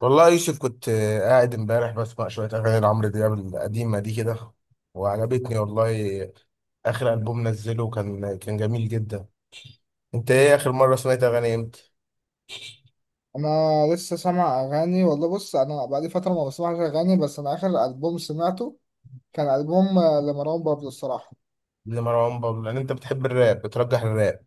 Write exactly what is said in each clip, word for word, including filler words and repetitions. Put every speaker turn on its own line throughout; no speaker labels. والله يوسف كنت آه، قاعد امبارح بسمع شوية أغاني لعمرو دياب القديمة دي كده، وعجبتني والله. آخر ألبوم نزله كان كان جميل جدا. أنت إيه آخر مرة سمعت أغاني إمتى؟
انا لسه سامع اغاني والله. بص، انا بقالي فتره ما بسمعش اغاني، بس انا اخر البوم سمعته كان البوم آه، لمروان بابلو الصراحه.
لمروان بابلو لأن أنت بتحب الراب، بترجح الراب.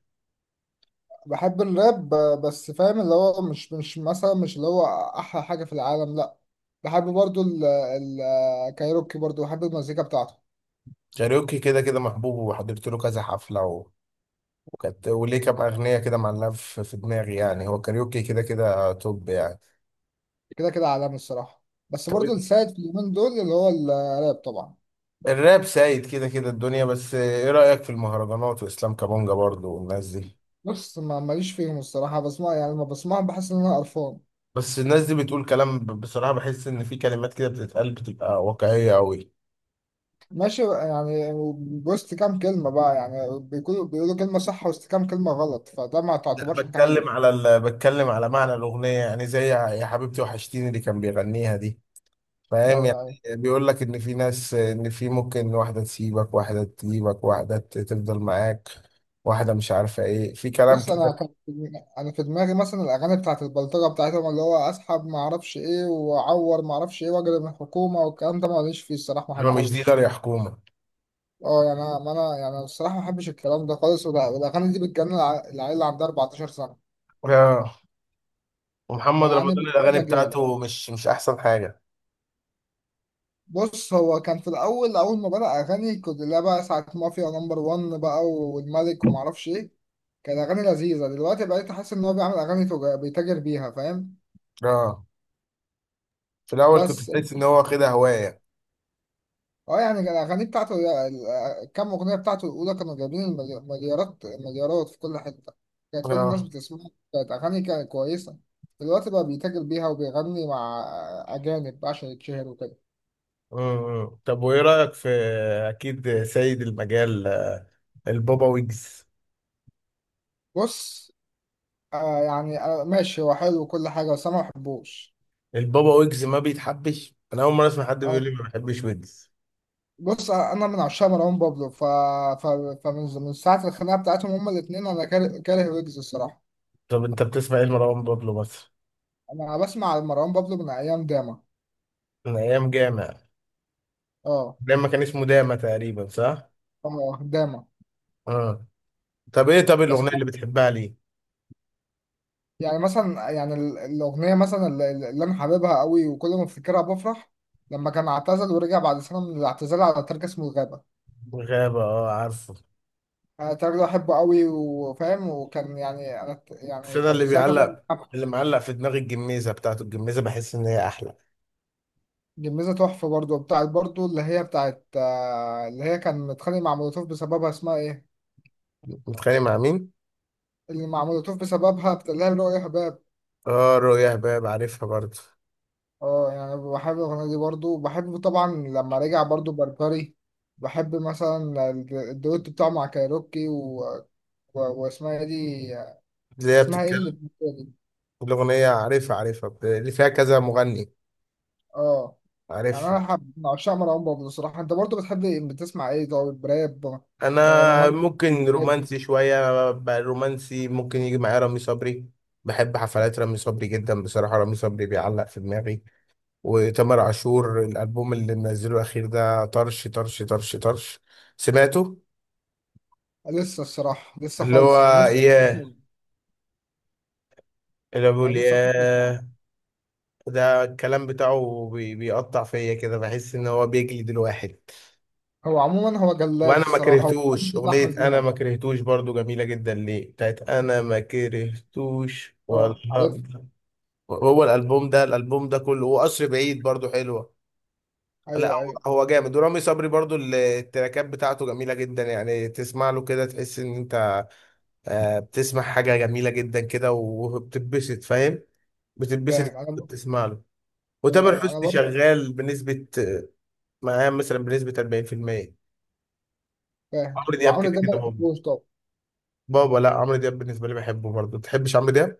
بحب الراب آه، بس فاهم اللي هو مش مش مثلا مش اللي هو احلى حاجه في العالم، لا. بحب برضو ال- ال- الكايروكي، برضو بحب المزيكا بتاعته.
كاريوكي كده كده محبوب وحضرت له كذا حفلة و... وكانت وليه كام أغنية كده معلقة في في دماغي، يعني هو كاريوكي كده كده توب يعني.
كده كده عالمي الصراحه، بس
طب
برضو السائد في اليومين دول اللي هو الراب طبعا.
الراب سايد كده كده الدنيا بس آه، إيه رأيك في المهرجانات وإسلام كابونجا برضه والناس دي؟
بص ما ماليش فيهم الصراحه، بسمع يعني لما بسمعهم بحس ان انا قرفان.
بس الناس دي بتقول كلام، ب- بصراحة بحس إن في كلمات كده بتتقال بتبقى واقعية أوي.
ماشي يعني، وسط كام كلمة بقى يعني بيقولوا بيقولوا كلمة صح وسط كام كلمة غلط، فده ما
لا،
تعتبرش حاجة
بتكلم
حلوة.
على ال... بتكلم على معنى الأغنية، يعني زي يا يا حبيبتي وحشتيني اللي كان بيغنيها دي. فاهم
يعني
يعني.
يعني
بيقول لك إن في ناس، إن في ممكن واحدة تسيبك، واحدة تجيبك، واحدة ت- تفضل معاك، واحدة مش عارفة إيه، في كلام
بص أنا
كده.
كان، أنا في دماغي مثلا الأغاني بتاعت البلطجة بتاعتهم، اللي هو أسحب ما أعرفش إيه، وأعور ما أعرفش إيه، وأجري من الحكومة والكلام ده، ماليش فيه الصراحة، ما
ما مش
بحبوش.
ديلر يا حكومة.
أه يعني أنا ما أنا يعني الصراحة ما بحبش الكلام ده خالص، والأ- والأغاني دي بتجنن الع- العيال اللي عندها 14 سنة،
آه، ومحمد
فيعني
رمضان
بتبوظ
الأغاني
أجيال.
بتاعته مش مش أحسن حاجة.
بص هو كان في الأول، أول ما بدأ أغاني كنت لا بقى ساعة مافيا نمبر وان بقى والملك ومعرفش إيه، كان أغاني لذيذة. دلوقتي بقيت أحس إن هو بيعمل أغاني تج- بيتاجر بيها، فاهم.
آه. في الأول كنت
بس
تحس إن هو واخدها هواية.
أه يعني كان الأغاني بتاعته، ال- كام أغنية بتاعته الأولى كانوا جايبين الملي- مليارات مليارات في كل حتة، كان كل الناس
آه.
بتسمعها، كانت أغاني كانت كويسة. دلوقتي بقى بيتاجر بيها وبيغني مع أجانب بقى عشان يتشهر وكده.
مم. طب وايه رأيك في اكيد سيد المجال، البابا ويجز؟
بص، آه يعني آه ماشي، هو حلو وكل حاجة، بس أنا ما بحبوش.
البابا ويجز ما بيتحبش، انا اول مرة اسمع حد بيقول لي ما بحبش ويجز.
بص انا من عشاق مروان بابلو، ف... ف... فمن من ساعه الخناقه بتاعتهم هما الاثنين انا كاره كاره ويجز الصراحه.
طب انت بتسمع ايه لمروان بابلو مثلا؟
انا بسمع مروان بابلو من ايام داما.
من ايام جامع،
اه
لما كان اسمه داما تقريبا، صح؟
اه داما.
اه. طب ايه، طب
بس
الاغنية اللي بتحبها ليه؟
يعني مثلا يعني ال- الاغنيه مثلا اللي, اللي انا حاببها قوي وكل ما افتكرها بفرح، لما كان اعتزل ورجع بعد سنه من الاعتزال على ترك اسمه الغابه.
غابة، اه عارفه.
انا التراك ده بحبه قوي وفاهم، وكان يعني انا
بس
يعني
انا
كان
اللي
ساعتها
بيعلق، اللي معلق في دماغي الجميزة بتاعته. الجميزة بحس ان هي احلى.
جميزة تحفة برضو، بتاعت برضو اللي هي بتاعت آه، اللي هي كان متخانق مع مولوتوف بسببها، اسمها ايه؟
متخيل مع مين؟
اللي مع مولوتوف بسببها بتاع اللي هي رؤيا حباب.
اه رؤيا هباب عارفها برضه.
اه يعني بحب الأغنية دي برضو، وبحب طبعا لما رجع برضو بربري. بحب مثلا الد- الدويتو بتاعه مع كايروكي و... و... واسمها ايه دي،
اللي هي
اسمها ايه اللي
بتتكلم.
بتقولي؟
الأغنية عارفها، عارفها، بت- اللي فيها كذا مغني.
اه يعني
عارف.
انا حب من عشاق مروان بابلو الصراحة. انت برضو بتحب إيه؟ بتسمع ايه طيب، راب؟ آه،
أنا
رومانسي
ممكن
الحاجات دي.
رومانسي شوية، ب- رومانسي، ممكن يجي معايا رامي صبري. بحب حفلات رامي صبري جدا بصراحة. رامي صبري بيعلق في دماغي، وتامر عاشور، الألبوم اللي منزله الأخير ده طرش طرش طرش طرش. سمعته؟
لسه الصراحة لسه
اللي هو
خالص نفسي.
ياه، اللي
انا
بقول
نفسي اخد له صناعه.
ياه. ده الكلام بتاعه بي- بيقطع فيا كده، بحس إن هو بيجلد الواحد.
هو عموما هو جلاد
وانا ما
الصراحه، هو
كرهتوش
بتاع
اغنيه، انا
حزينه.
ما كرهتوش برضو، جميله جدا ليه بتاعت انا ما كرهتوش
اه عارف.
والله. هو الالبوم ده، الالبوم ده كله، وقصر بعيد برضو حلوه. لا،
ايوه ايوه.
هو هو جامد، ورامي صبري برضو ال- التراكات بتاعته جميله جدا، يعني تسمع له كده تحس ان انت آه، بتسمع حاجه جميله جدا كده وبتتبسط، فاهم.
فاهم
بتتبسط
انا ب...
بتسمع له.
ايوه
وتامر
ايوه، انا
حسني
برضه
شغال بنسبه، معاه مثلا بنسبه أربعين بالمية.
فاهم.
عمرو دياب
وعمرو
كده
ده ما
كده
بحبوش طبعا.
بابا، لا عمرو دياب بالنسبه لي بحبه برضه. تحبش عمرو دياب؟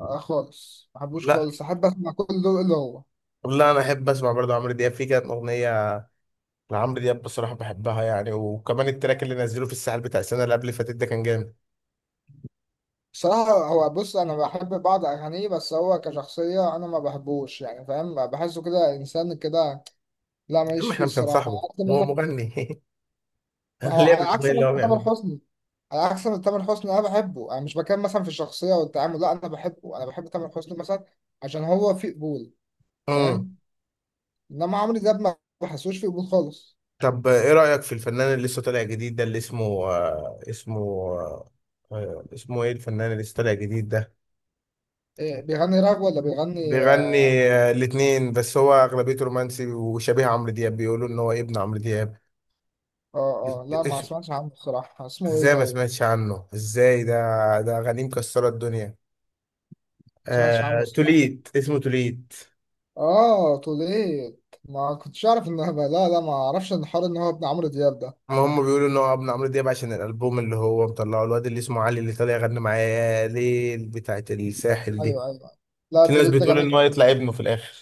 آه خالص ما بحبوش
لا
خالص، احب اسمع كل دول اللي هو
لا انا احب اسمع برضه عمرو دياب، في كانت اغنيه لعمرو دياب بصراحه بحبها يعني، وكمان التراك اللي نزله في الساحل بتاع السنه اللي قبل اللي فاتت ده كان جامد.
الصراحه. هو بص انا بحب بعض اغانيه، بس هو كشخصيه انا ما بحبوش يعني، فاهم، بحسه كده انسان كده، لا ماليش
اما
فيه
احنا مش
الصراحه
هنصاحبه،
عكس
هو
مثلا.
مغني. انا
هو
ليه
على عكس
بالاغنيه اللي
مثلا
هو
تامر
بيعملها.
حسني، على عكس إن تامر حسني انا بحبه، انا مش بتكلم مثلا في الشخصيه والتعامل، لا انا بحبه، انا بحب تامر حسني مثلا عشان هو في قبول،
امم
فاهم. انما عمرو دياب ما بحسوش في قبول خالص.
طب ايه رايك في الفنان اللي لسه طالع جديد ده، اللي اسمه آه اسمه آه آه، اسمه ايه الفنان اللي لسه طالع جديد ده؟
إيه، بيغني راب ولا بيغني؟
بيغني. آه، الاتنين، بس هو اغلبيته رومانسي وشبيه عمرو دياب، بيقولوا ان هو ابن عمرو
اه اه، لا ما
دياب.
سمعتش عنه بصراحه، اسمه ايه
ازاي ما
طيب؟
سمعتش عنه، ازاي ده؟ ده اغانيه مكسره الدنيا.
ما سمعتش عنه
آه...
الصراحه.
توليت، اسمه توليت.
اه طوليت، ما كنتش اعرف ان هو- لا لا، ما اعرفش ان حوار ان هو ابن عمرو دياب ده.
ما هم بيقولوا ان هو ابن عمرو دياب عشان الالبوم اللي هو مطلعه، الواد اللي اسمه علي اللي طالع يغني معاه يا ليل بتاعت الساحل دي.
ايوه ايوه، لا
في ناس
طوليت ده
بتقول
جامد.
ان هو يطلع ابنه في الاخر.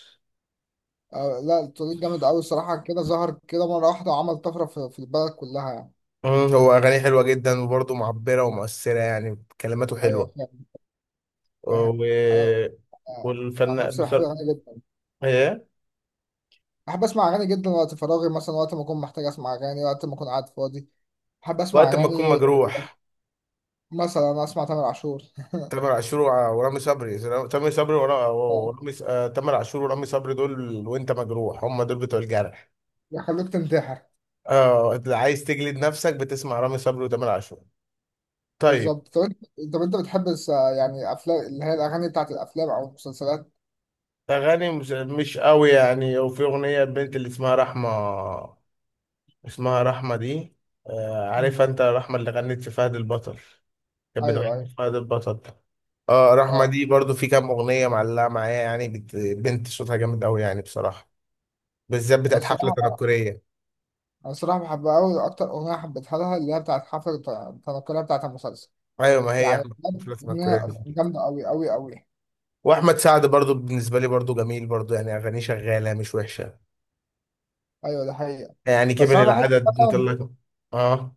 آه لا، طوليت جامد قوي الصراحه، كده ظهر كده مره واحده وعمل طفره في في البلد كلها يعني.
مم، هو اغانيه حلوه جدا، وبرضه معبره ومؤثره، يعني كلماته
ايوه.
حلوه و...
فاهم انا، آه، عن
والفنان
نفسي بحب
بصراحه
الاغاني جدا،
ايه.
بحب اسمع اغاني جدا وقت فراغي مثلا، وقت ما اكون محتاج اسمع اغاني، وقت ما اكون قاعد فاضي بحب اسمع
وقت ما تكون
اغاني.
مجروح،
مثلا اسمع تامر عاشور.
تامر عاشور وع- ورامي صبري. تامر صبري ورا-
آه،
ورامي ص- آه، تامر عاشور ورامي صبري دول وانت مجروح، هم دول بتوع الجرح.
يخليك تنتحر.
اه، اللي عايز تجلد نفسك بتسمع رامي صبري وتامر عاشور. طيب.
بالظبط. طب انت طب انت بتحب الس- يعني افلام، اللي هي الاغاني بتاعت الافلام او المسلسلات؟
اغاني مش, مش قوي يعني. وفي اغنيه البنت اللي اسمها رحمه، اسمها رحمه دي، آه،
مم.
عارفها انت؟ رحمه اللي غنت في فهد البطل. كانت
ايوه
بتغني
ايوه
في فهد البطل. اه، رحمه
اه.
دي برضو في كام اغنيه معلقه معايا، يعني بت- بنت صوتها جامد قوي يعني بصراحه، بالذات
انا
بتاعت حفله
الصراحه،
تنكريه.
انا الصراحه بحبها قوي، اكتر اغنيه حبيتها لها اللي هي بتاعت حفله تنقلها بتاعت المسلسل،
ايوه، ما هي
يعني
احمد، مش
بجد
اسمها الكوريه
اغنيه
دي.
جامده قوي قوي قوي.
واحمد سعد برضو بالنسبه لي برضو جميل برضو، يعني اغانيه شغاله مش وحشه.
ايوه ده حقيقه.
يعني كبر
بس انا بحس،
العدد انت اللي اه.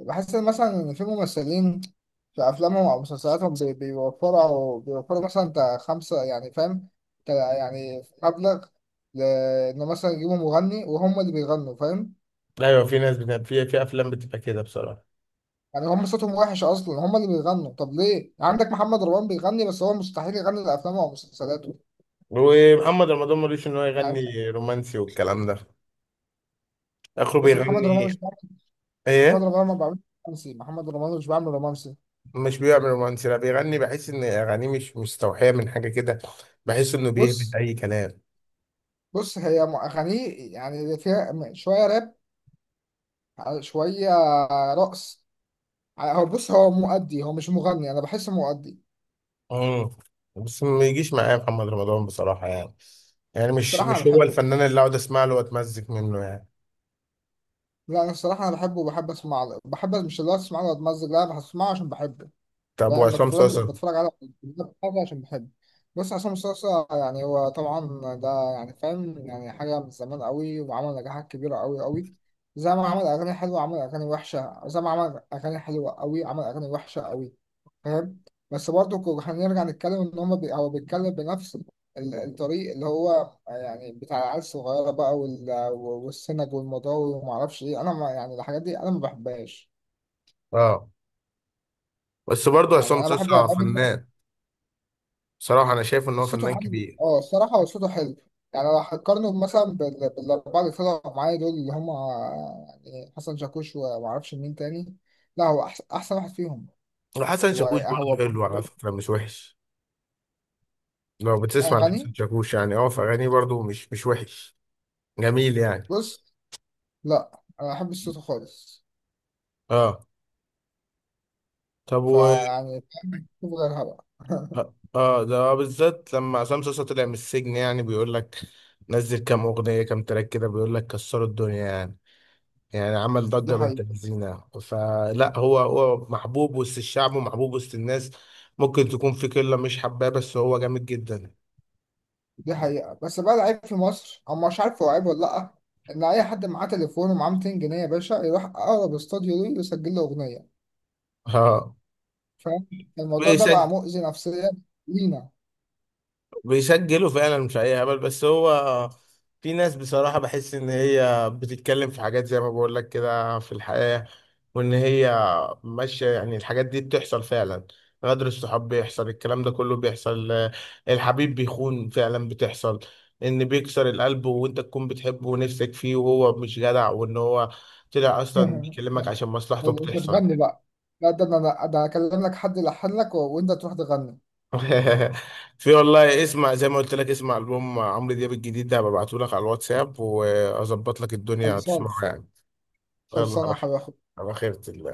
بحس ان مثلا في ممثلين في افلامهم او مسلسلاتهم بي- بيوفروا بيوفروا مثلا تا خمسه يعني، فاهم، تا يعني مبلغ، لانه مثلا يجيبوا مغني وهم اللي بيغنوا، فاهم،
ايوه في ناس بت... في في افلام بتبقى كده بصراحه.
يعني هم صوتهم وحش اصلا هم اللي بيغنوا، طب ليه؟ يعني عندك محمد رمضان بيغني بس هو مستحيل يغني لافلامه او مسلسلاته
ومحمد رمضان ملوش ان هو
يعني.
يغني رومانسي والكلام ده، اخره
بس محمد رمضان
بيغني
مش بيعمل، محمد
ايه.
رمضان ما بيعملش رومانسي، محمد رمضان مش بيعمل رومانسي.
مش بيعمل رومانسي، لا بيغني، بحس ان اغانيه مش مستوحيه من حاجه كده. بحس انه بيهبط
بص
اي كلام.
بص، هي م- اغانيه يعني فيها م- شويه راب على- شويه رقص. هو بص هو مؤدي، هو مش مغني، انا بحسه مؤدي.
امم. بس ما يجيش معايا محمد رمضان بصراحة يعني، يعني مش
صراحه انا
مش هو
بحبه،
الفنان اللي اقعد اسمع له واتمزج منه يعني.
لا انا الصراحه انا بحبه وبحب اسمع له، بحب مش اللي هو اسمع له اتمزج، لا انا هسمعه عشان بحبه.
طب
يعني
وعصام
بتفرج
صاصا؟
بتفرج على حاجة عشان بحب. بص عصام صاصا يعني، هو طبعا ده يعني فاهم، يعني حاجة من زمان قوي وعمل نجاحات كبيرة قوي قوي. زي ما عمل أغاني حلوة عمل أغاني وحشة، زي ما عمل أغاني حلوة قوي عمل أغاني وحشة قوي، فاهم. بس برضه كو- هنرجع نتكلم إن هما بي... هو بيتكلم بنفس ال- الطريق اللي هو، يعني بتاع العيال الصغيرة بقى، وال... والسنج والمضاوي ومعرفش إيه، أنا ما يعني الحاجات دي أنا ما بحبهاش.
اه، بس برضه
يعني
عصام
أنا بحب
صاصا
أغاني.
فنان، بصراحة انا شايف ان هو
صوته
فنان
حلو،
كبير.
اه الصراحة هو صوته حلو. يعني لو هتقارنه مثلا بال- بالأربعة اللي طلعوا معايا دول اللي هم، يعني حسن شاكوش و- ومعرفش مين تاني، لا هو أحسن, أحسن واحد فيهم.
وحسن
هو
شاكوش برضه
هو
حلو على فكرة، مش وحش. لو بتسمع لحسن
أغاني
شاكوش، يعني اه، في اغانيه برضه مش مش وحش، جميل يعني.
بص. لا أنا ما بحبش صوته خالص،
اه. طب و...
فيعني بحبه غيرها بقى.
اه، ده بالذات لما عصام صاصا طلع من السجن، يعني بيقول لك نزل كام اغنية، كام تراك كده، بيقول لك كسروا الدنيا يعني. يعني عمل
دي
ضجة بنت
حقيقة،
لذينة، فلا، هو هو محبوب وسط الشعب ومحبوب وسط الناس. ممكن تكون في قلة مش حباه، بس هو جامد جدا.
دي حقيقة، بس بقى العيب في مصر، أو مش عارف هو عيب ولا لأ، إن أي حد معاه تليفون ومعاه ميتين جنيه يا باشا يروح أقرب استوديو ليه ويسجل له أغنية،
اه.
فاهم. الموضوع ده بقى مؤذي نفسيا لينا.
بيسجلوا فعلا، مش اي هبل، بس هو في ناس بصراحة بحس ان هي بتتكلم في حاجات زي ما بقول لك كده في الحياة، وان هي ماشية، يعني الحاجات دي بتحصل فعلا. غدر الصحاب بيحصل، الكلام ده كله بيحصل آه، الحبيب بيخون فعلا بتحصل. ان بيكسر القلب وانت تكون بتحبه ونفسك فيه وهو مش جدع، وان هو طلع اصلا بيكلمك عشان مصلحته،
طيب، انت
بتحصل.
تغني بقى؟ لا ده انا، لا ده اكلم لك حد يلحن لك و- وانت تروح تغني.
في والله، اسمع زي ما قلت لك، اسمع ألبوم عمرو دياب الجديد ده، ببعته لك على الواتساب وأظبط لك الدنيا
خلصان،
تسمعه يعني. يلا
خلصان
على
يا
خير.
حبيبي.
على خيرة الله.